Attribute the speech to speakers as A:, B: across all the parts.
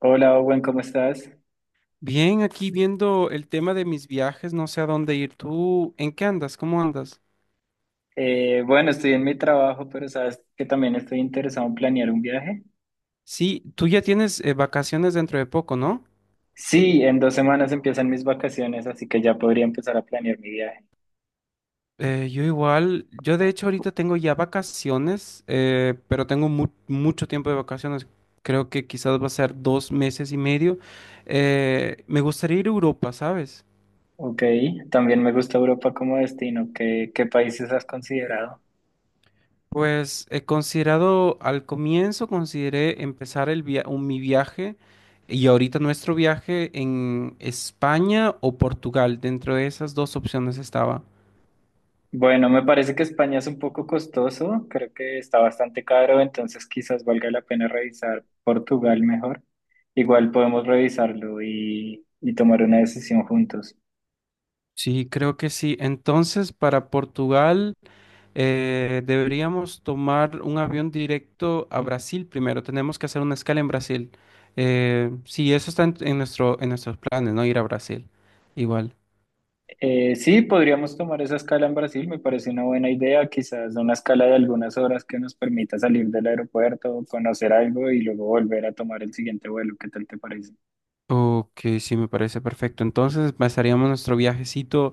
A: Hola, Owen, ¿cómo estás?
B: Bien, aquí viendo el tema de mis viajes, no sé a dónde ir. ¿Tú en qué andas? ¿Cómo andas?
A: Bueno, estoy en mi trabajo, pero sabes que también estoy interesado en planear un viaje.
B: Sí, tú ya tienes vacaciones dentro de poco, ¿no?
A: Sí, en 2 semanas empiezan mis vacaciones, así que ya podría empezar a planear mi viaje.
B: Yo igual, yo de hecho ahorita tengo ya vacaciones, pero tengo mucho tiempo de vacaciones. Creo que quizás va a ser 2 meses y medio. Me gustaría ir a Europa, ¿sabes?
A: Ok, también me gusta Europa como destino. ¿Qué países has considerado?
B: Pues he considerado, al comienzo consideré empezar mi viaje y ahorita nuestro viaje en España o Portugal. Dentro de esas dos opciones estaba.
A: Bueno, me parece que España es un poco costoso, creo que está bastante caro, entonces quizás valga la pena revisar Portugal mejor. Igual podemos revisarlo y tomar una decisión juntos.
B: Sí, creo que sí. Entonces, para Portugal deberíamos tomar un avión directo a Brasil primero. Tenemos que hacer una escala en Brasil. Sí, eso está en nuestros planes, ¿no? Ir a Brasil. Igual.
A: Sí, podríamos tomar esa escala en Brasil, me parece una buena idea, quizás una escala de algunas horas que nos permita salir del aeropuerto, conocer algo y luego volver a tomar el siguiente vuelo, ¿qué tal te parece?
B: Ok, sí, me parece perfecto. Entonces, empezaríamos nuestro viajecito.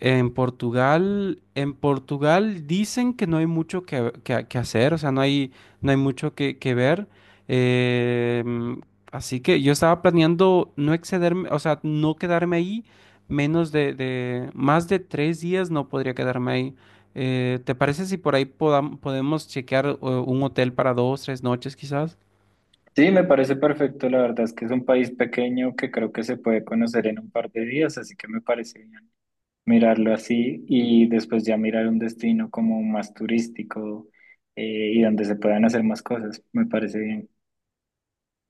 B: En Portugal dicen que no hay mucho que hacer, o sea, no hay mucho que ver. Eh, mm, así que yo estaba planeando no excederme, o sea, no quedarme ahí más de 3 días no podría quedarme ahí. ¿Te parece si por ahí podemos chequear un hotel para 2, 3 noches quizás?
A: Sí, me parece perfecto, la verdad es que es un país pequeño que creo que se puede conocer en un par de días, así que me parece bien mirarlo así y después ya mirar un destino como más turístico y donde se puedan hacer más cosas, me parece bien.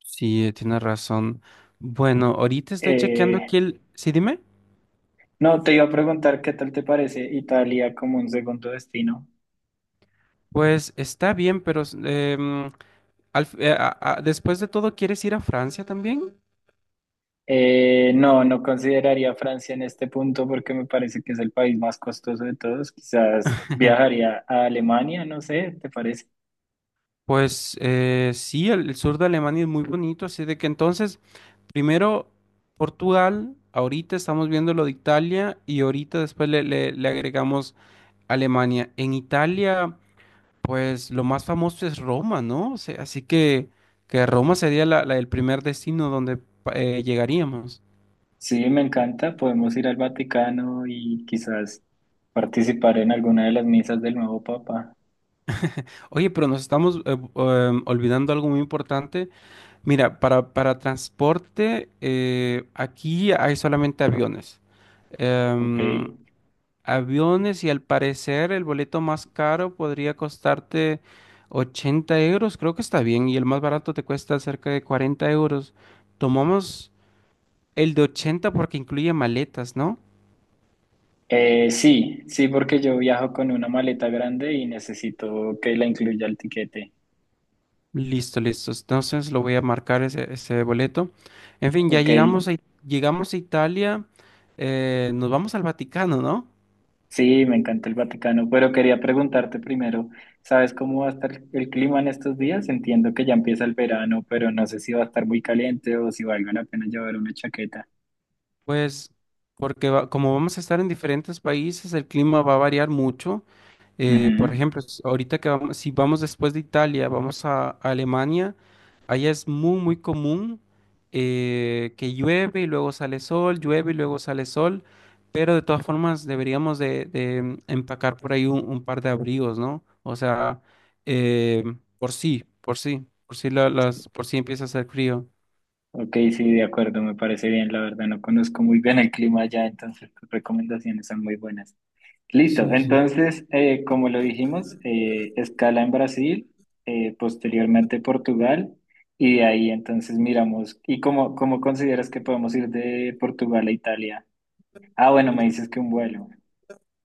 B: Sí, tienes razón. Bueno, ahorita estoy chequeando
A: Eh,
B: aquí el. Sí, dime.
A: No, te iba a preguntar qué tal te parece Italia como un segundo destino.
B: Pues está bien, pero em, Al fi- a- después de todo, ¿quieres ir a Francia también?
A: No, no consideraría Francia en este punto porque me parece que es el país más costoso de todos. Quizás viajaría a Alemania, no sé, ¿te parece?
B: Pues sí, el sur de Alemania es muy bonito, así de que entonces, primero Portugal, ahorita estamos viendo lo de Italia y ahorita después le agregamos Alemania. En Italia, pues lo más famoso es Roma, ¿no? O sea, así que Roma sería el primer destino donde llegaríamos.
A: Sí, me encanta. Podemos ir al Vaticano y quizás participar en alguna de las misas del nuevo Papa.
B: Oye, pero nos estamos olvidando algo muy importante. Mira, para transporte, aquí hay solamente aviones.
A: Ok.
B: Em, aviones y al parecer el boleto más caro podría costarte 80 euros, creo que está bien, y el más barato te cuesta cerca de 40 euros. Tomamos el de 80 porque incluye maletas, ¿no?
A: Sí, sí, porque yo viajo con una maleta grande y necesito que la incluya el tiquete.
B: Listo, listo. Entonces lo voy a marcar ese boleto. En fin, ya
A: Ok,
B: llegamos a Italia, nos vamos al Vaticano, ¿no?
A: sí, me encanta el Vaticano, pero quería preguntarte primero, ¿sabes cómo va a estar el clima en estos días? Entiendo que ya empieza el verano, pero no sé si va a estar muy caliente o si valga la pena llevar una chaqueta.
B: Pues porque como vamos a estar en diferentes países, el clima va a variar mucho. Por
A: Ujú.
B: ejemplo, ahorita que vamos, si vamos después de Italia, vamos a Alemania. Allá es muy, muy común que llueve y luego sale sol, llueve y luego sale sol, pero de todas formas deberíamos de empacar por ahí un par de abrigos, ¿no? O sea, eh, por sí empieza a hacer frío.
A: Ok, sí, de acuerdo, me parece bien, la verdad no conozco muy bien el clima allá, entonces tus recomendaciones son muy buenas. Listo,
B: Sí.
A: entonces, como lo dijimos, escala en Brasil, posteriormente Portugal, y de ahí entonces miramos, ¿y cómo consideras que podemos ir de Portugal a Italia? Ah, bueno, me dices que un vuelo.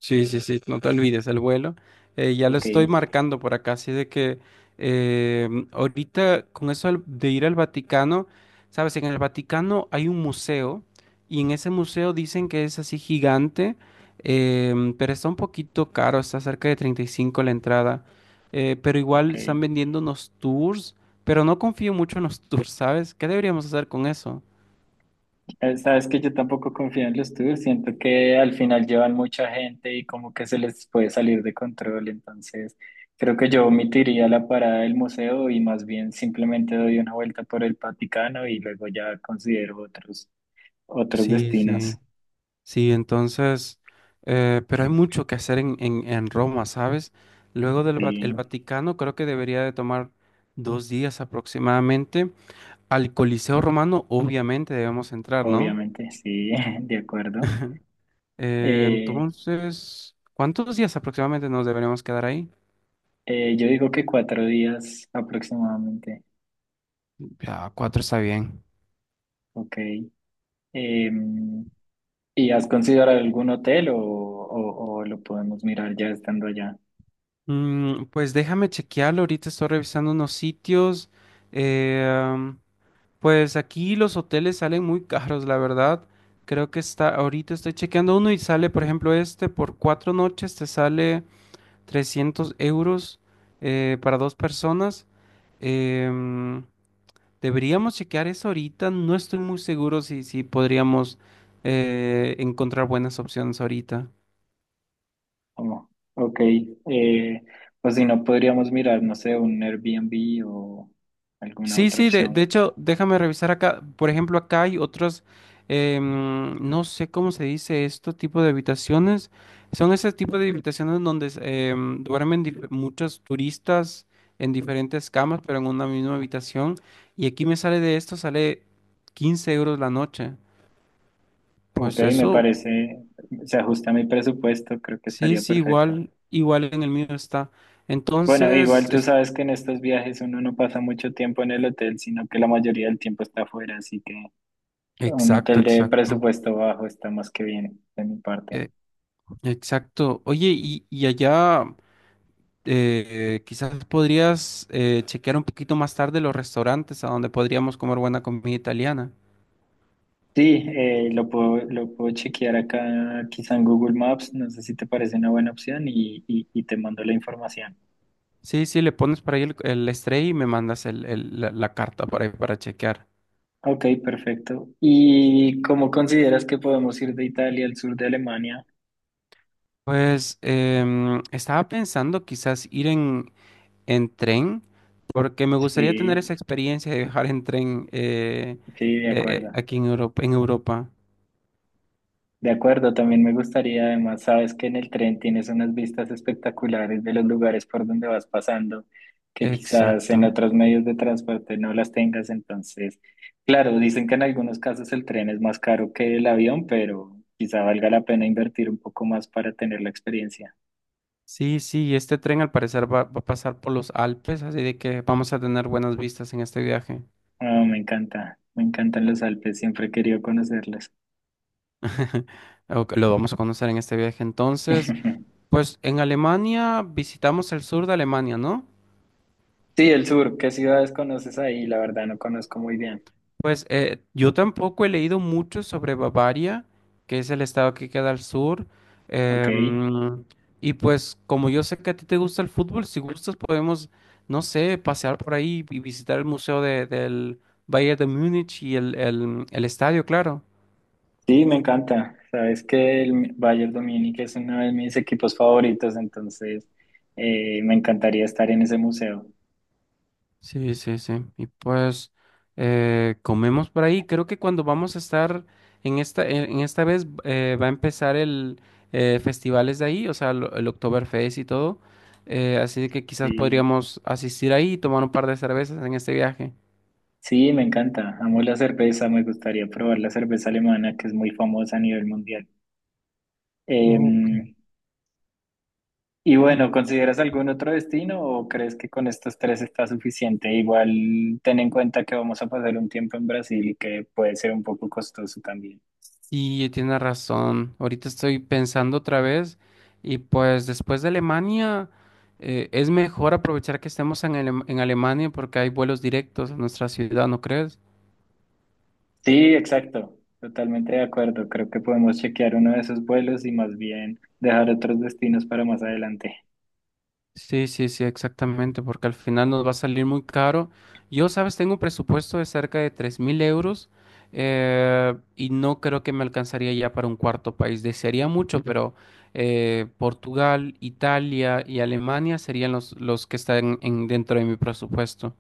B: Sí, sí, sí, no te olvides el vuelo. Ya lo
A: Ok,
B: estoy marcando por acá, así de que ahorita con eso de ir al Vaticano, sabes, en el Vaticano hay un museo y en ese museo dicen que es así gigante, pero está un poquito caro, está cerca de 35 la entrada, pero
A: ok.
B: igual están vendiendo unos tours, pero no confío mucho en los tours, ¿sabes? ¿Qué deberíamos hacer con eso?
A: Sabes que yo tampoco confío en los tours, siento que al final llevan mucha gente y como que se les puede salir de control, entonces creo que yo omitiría la parada del museo y más bien simplemente doy una vuelta por el Vaticano y luego ya considero otros, otros
B: Sí,
A: destinos.
B: sí. Sí, entonces, pero hay mucho que hacer en Roma, ¿sabes? Luego el
A: Sí,
B: Vaticano, creo que debería de tomar 2 días aproximadamente. Al Coliseo Romano, obviamente, debemos entrar, ¿no?
A: obviamente, sí, de acuerdo.
B: Eh,
A: Eh,
B: entonces, ¿cuántos días aproximadamente nos deberíamos quedar ahí?
A: yo digo que 4 días aproximadamente,
B: Ya, cuatro está bien.
A: ok. Em, ¿y has considerado algún hotel o lo podemos mirar ya estando allá?
B: Pues déjame chequearlo. Ahorita estoy revisando unos sitios. Eh, Pues aquí los hoteles salen muy caros, la verdad. Creo que está, ahorita estoy chequeando uno y sale, por ejemplo, este por 4 noches te sale 300 euros para dos personas. Em, deberíamos chequear eso ahorita. No estoy muy seguro si podríamos encontrar buenas opciones ahorita.
A: Como, ok, eh, o si no, podríamos mirar, no sé, un Airbnb o alguna
B: Sí,
A: otra
B: sí, de
A: opción.
B: hecho, déjame revisar acá. Por ejemplo, acá hay otros, no sé cómo se dice esto, tipo de habitaciones. Son ese tipo de habitaciones donde duermen muchos turistas en diferentes camas, pero en una misma habitación. Y aquí me sale de esto, sale 15 euros la noche.
A: Ok,
B: Pues
A: me
B: eso,
A: parece, se ajusta a mi presupuesto, creo que
B: sí,
A: estaría
B: sí,
A: perfecto.
B: igual, igual en el mío está.
A: Bueno, igual
B: Entonces,
A: tú sabes que en estos viajes uno no pasa mucho tiempo en el hotel, sino que la mayoría del tiempo está afuera, así que un
B: exacto,
A: hotel de
B: exacto.
A: presupuesto bajo está más que bien de mi parte.
B: eh, exacto. Oye, y allá. Quizás podrías chequear un poquito más tarde los restaurantes a donde podríamos comer buena comida italiana.
A: Sí, lo puedo chequear acá, quizá en Google Maps, no sé si te parece una buena opción y te mando la información.
B: Sí, sí, le pones para ahí el estrella y me mandas la carta ahí para chequear.
A: Ok, perfecto. ¿Y cómo consideras que podemos ir de Italia al sur de Alemania?
B: Pues estaba pensando quizás ir en tren, porque me gustaría tener
A: Sí,
B: esa experiencia de viajar en tren
A: sí, de acuerdo.
B: aquí en Europa.
A: De acuerdo, también me gustaría, además, sabes que en el tren tienes unas vistas espectaculares de los lugares por donde vas pasando, que quizás en
B: Exacto.
A: otros medios de transporte no las tengas. Entonces, claro, dicen que en algunos casos el tren es más caro que el avión, pero quizá valga la pena invertir un poco más para tener la experiencia.
B: Sí, sí, y este tren al parecer va a pasar por los Alpes, así de que vamos a tener buenas vistas en este viaje.
A: Ah, me encanta, me encantan los Alpes, siempre he querido conocerlos.
B: Ok, lo vamos a conocer en este viaje entonces. Pues en Alemania visitamos el sur de Alemania, ¿no?
A: Sí, el sur, ¿qué ciudades conoces ahí? La verdad no conozco muy bien.
B: Pues yo tampoco he leído mucho sobre Bavaria, que es el estado que queda al sur.
A: Ok.
B: Em, y pues como yo sé que a ti te gusta el fútbol, si gustas podemos, no sé, pasear por ahí y visitar el museo del Bayern de Múnich y el estadio, claro.
A: Sí, me encanta. Sabes que el Bayern Dominique es uno de mis equipos favoritos, entonces me encantaría estar en ese museo.
B: Sí, sí, sí. Y pues comemos por ahí. Creo que cuando vamos a estar en esta vez va a empezar el festivales de ahí, o sea, el Oktoberfest y todo. Así de que quizás
A: Sí,
B: podríamos asistir ahí y tomar un par de cervezas en este viaje.
A: sí, me encanta. Amo la cerveza, me gustaría probar la cerveza alemana, que es muy famosa a nivel mundial.
B: Ok.
A: Em, y bueno,
B: Mm,
A: ¿consideras algún otro destino o crees que con estos tres está suficiente? Igual ten en cuenta que vamos a pasar un tiempo en Brasil y que puede ser un poco costoso también.
B: sí, tiene razón. Ahorita estoy pensando otra vez y pues después de Alemania es mejor aprovechar que estemos en Alemania porque hay vuelos directos a nuestra ciudad, ¿no crees?
A: Sí, exacto. Totalmente de acuerdo. Creo que podemos chequear uno de esos vuelos y más bien dejar otros destinos para más adelante.
B: Sí, sí, sí, exactamente, porque al final nos va a salir muy caro. Yo, sabes, tengo un presupuesto de cerca de 3.000 euros y no creo que me alcanzaría ya para un cuarto país. Desearía mucho, pero Portugal, Italia y Alemania serían los que están dentro de mi presupuesto.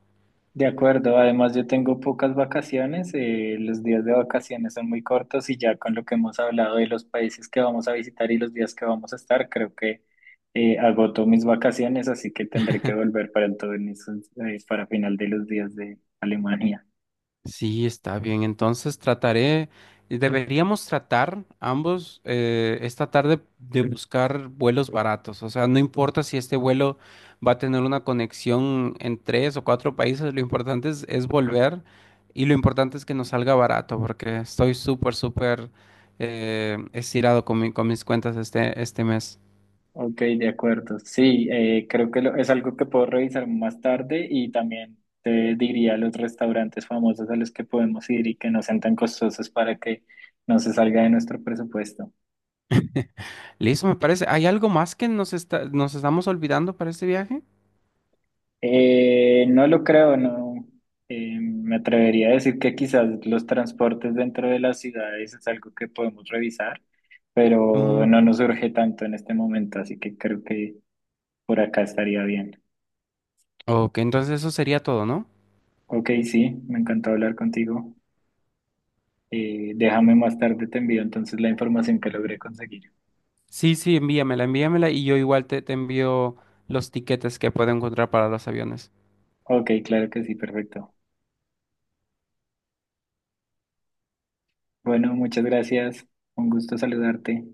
A: De acuerdo. Además, yo tengo pocas vacaciones. Los días de vacaciones son muy cortos y ya con lo que hemos hablado de los países que vamos a visitar y los días que vamos a estar, creo que agoto mis vacaciones, así que tendré que volver para entonces, para final de los días de Alemania.
B: Sí, está bien. Entonces trataré, deberíamos tratar ambos esta tarde de buscar vuelos baratos. O sea, no importa si este vuelo va a tener una conexión en tres o cuatro países, lo importante es volver y lo importante es que nos salga barato porque estoy súper, súper estirado con con mis cuentas este mes.
A: Ok, de acuerdo. Sí, creo que es algo que puedo revisar más tarde y también te diría los restaurantes famosos a los que podemos ir y que no sean tan costosos para que no se salga de nuestro presupuesto.
B: Listo, me parece. ¿Hay algo más que nos estamos olvidando para este viaje?
A: No lo creo, no. Me atrevería a decir que quizás los transportes dentro de las ciudades es algo que podemos revisar, pero
B: Mm,
A: no nos urge tanto en este momento, así que creo que por acá estaría bien.
B: ok, entonces eso sería todo, ¿no?
A: Ok, sí, me encantó hablar contigo. Déjame más tarde, te envío entonces la información que logré conseguir.
B: Sí, sí, envíamela, envíamela y yo igual te envío los tiquetes que puedo encontrar para los aviones.
A: Ok, claro que sí, perfecto. Bueno, muchas gracias. Un gusto saludarte.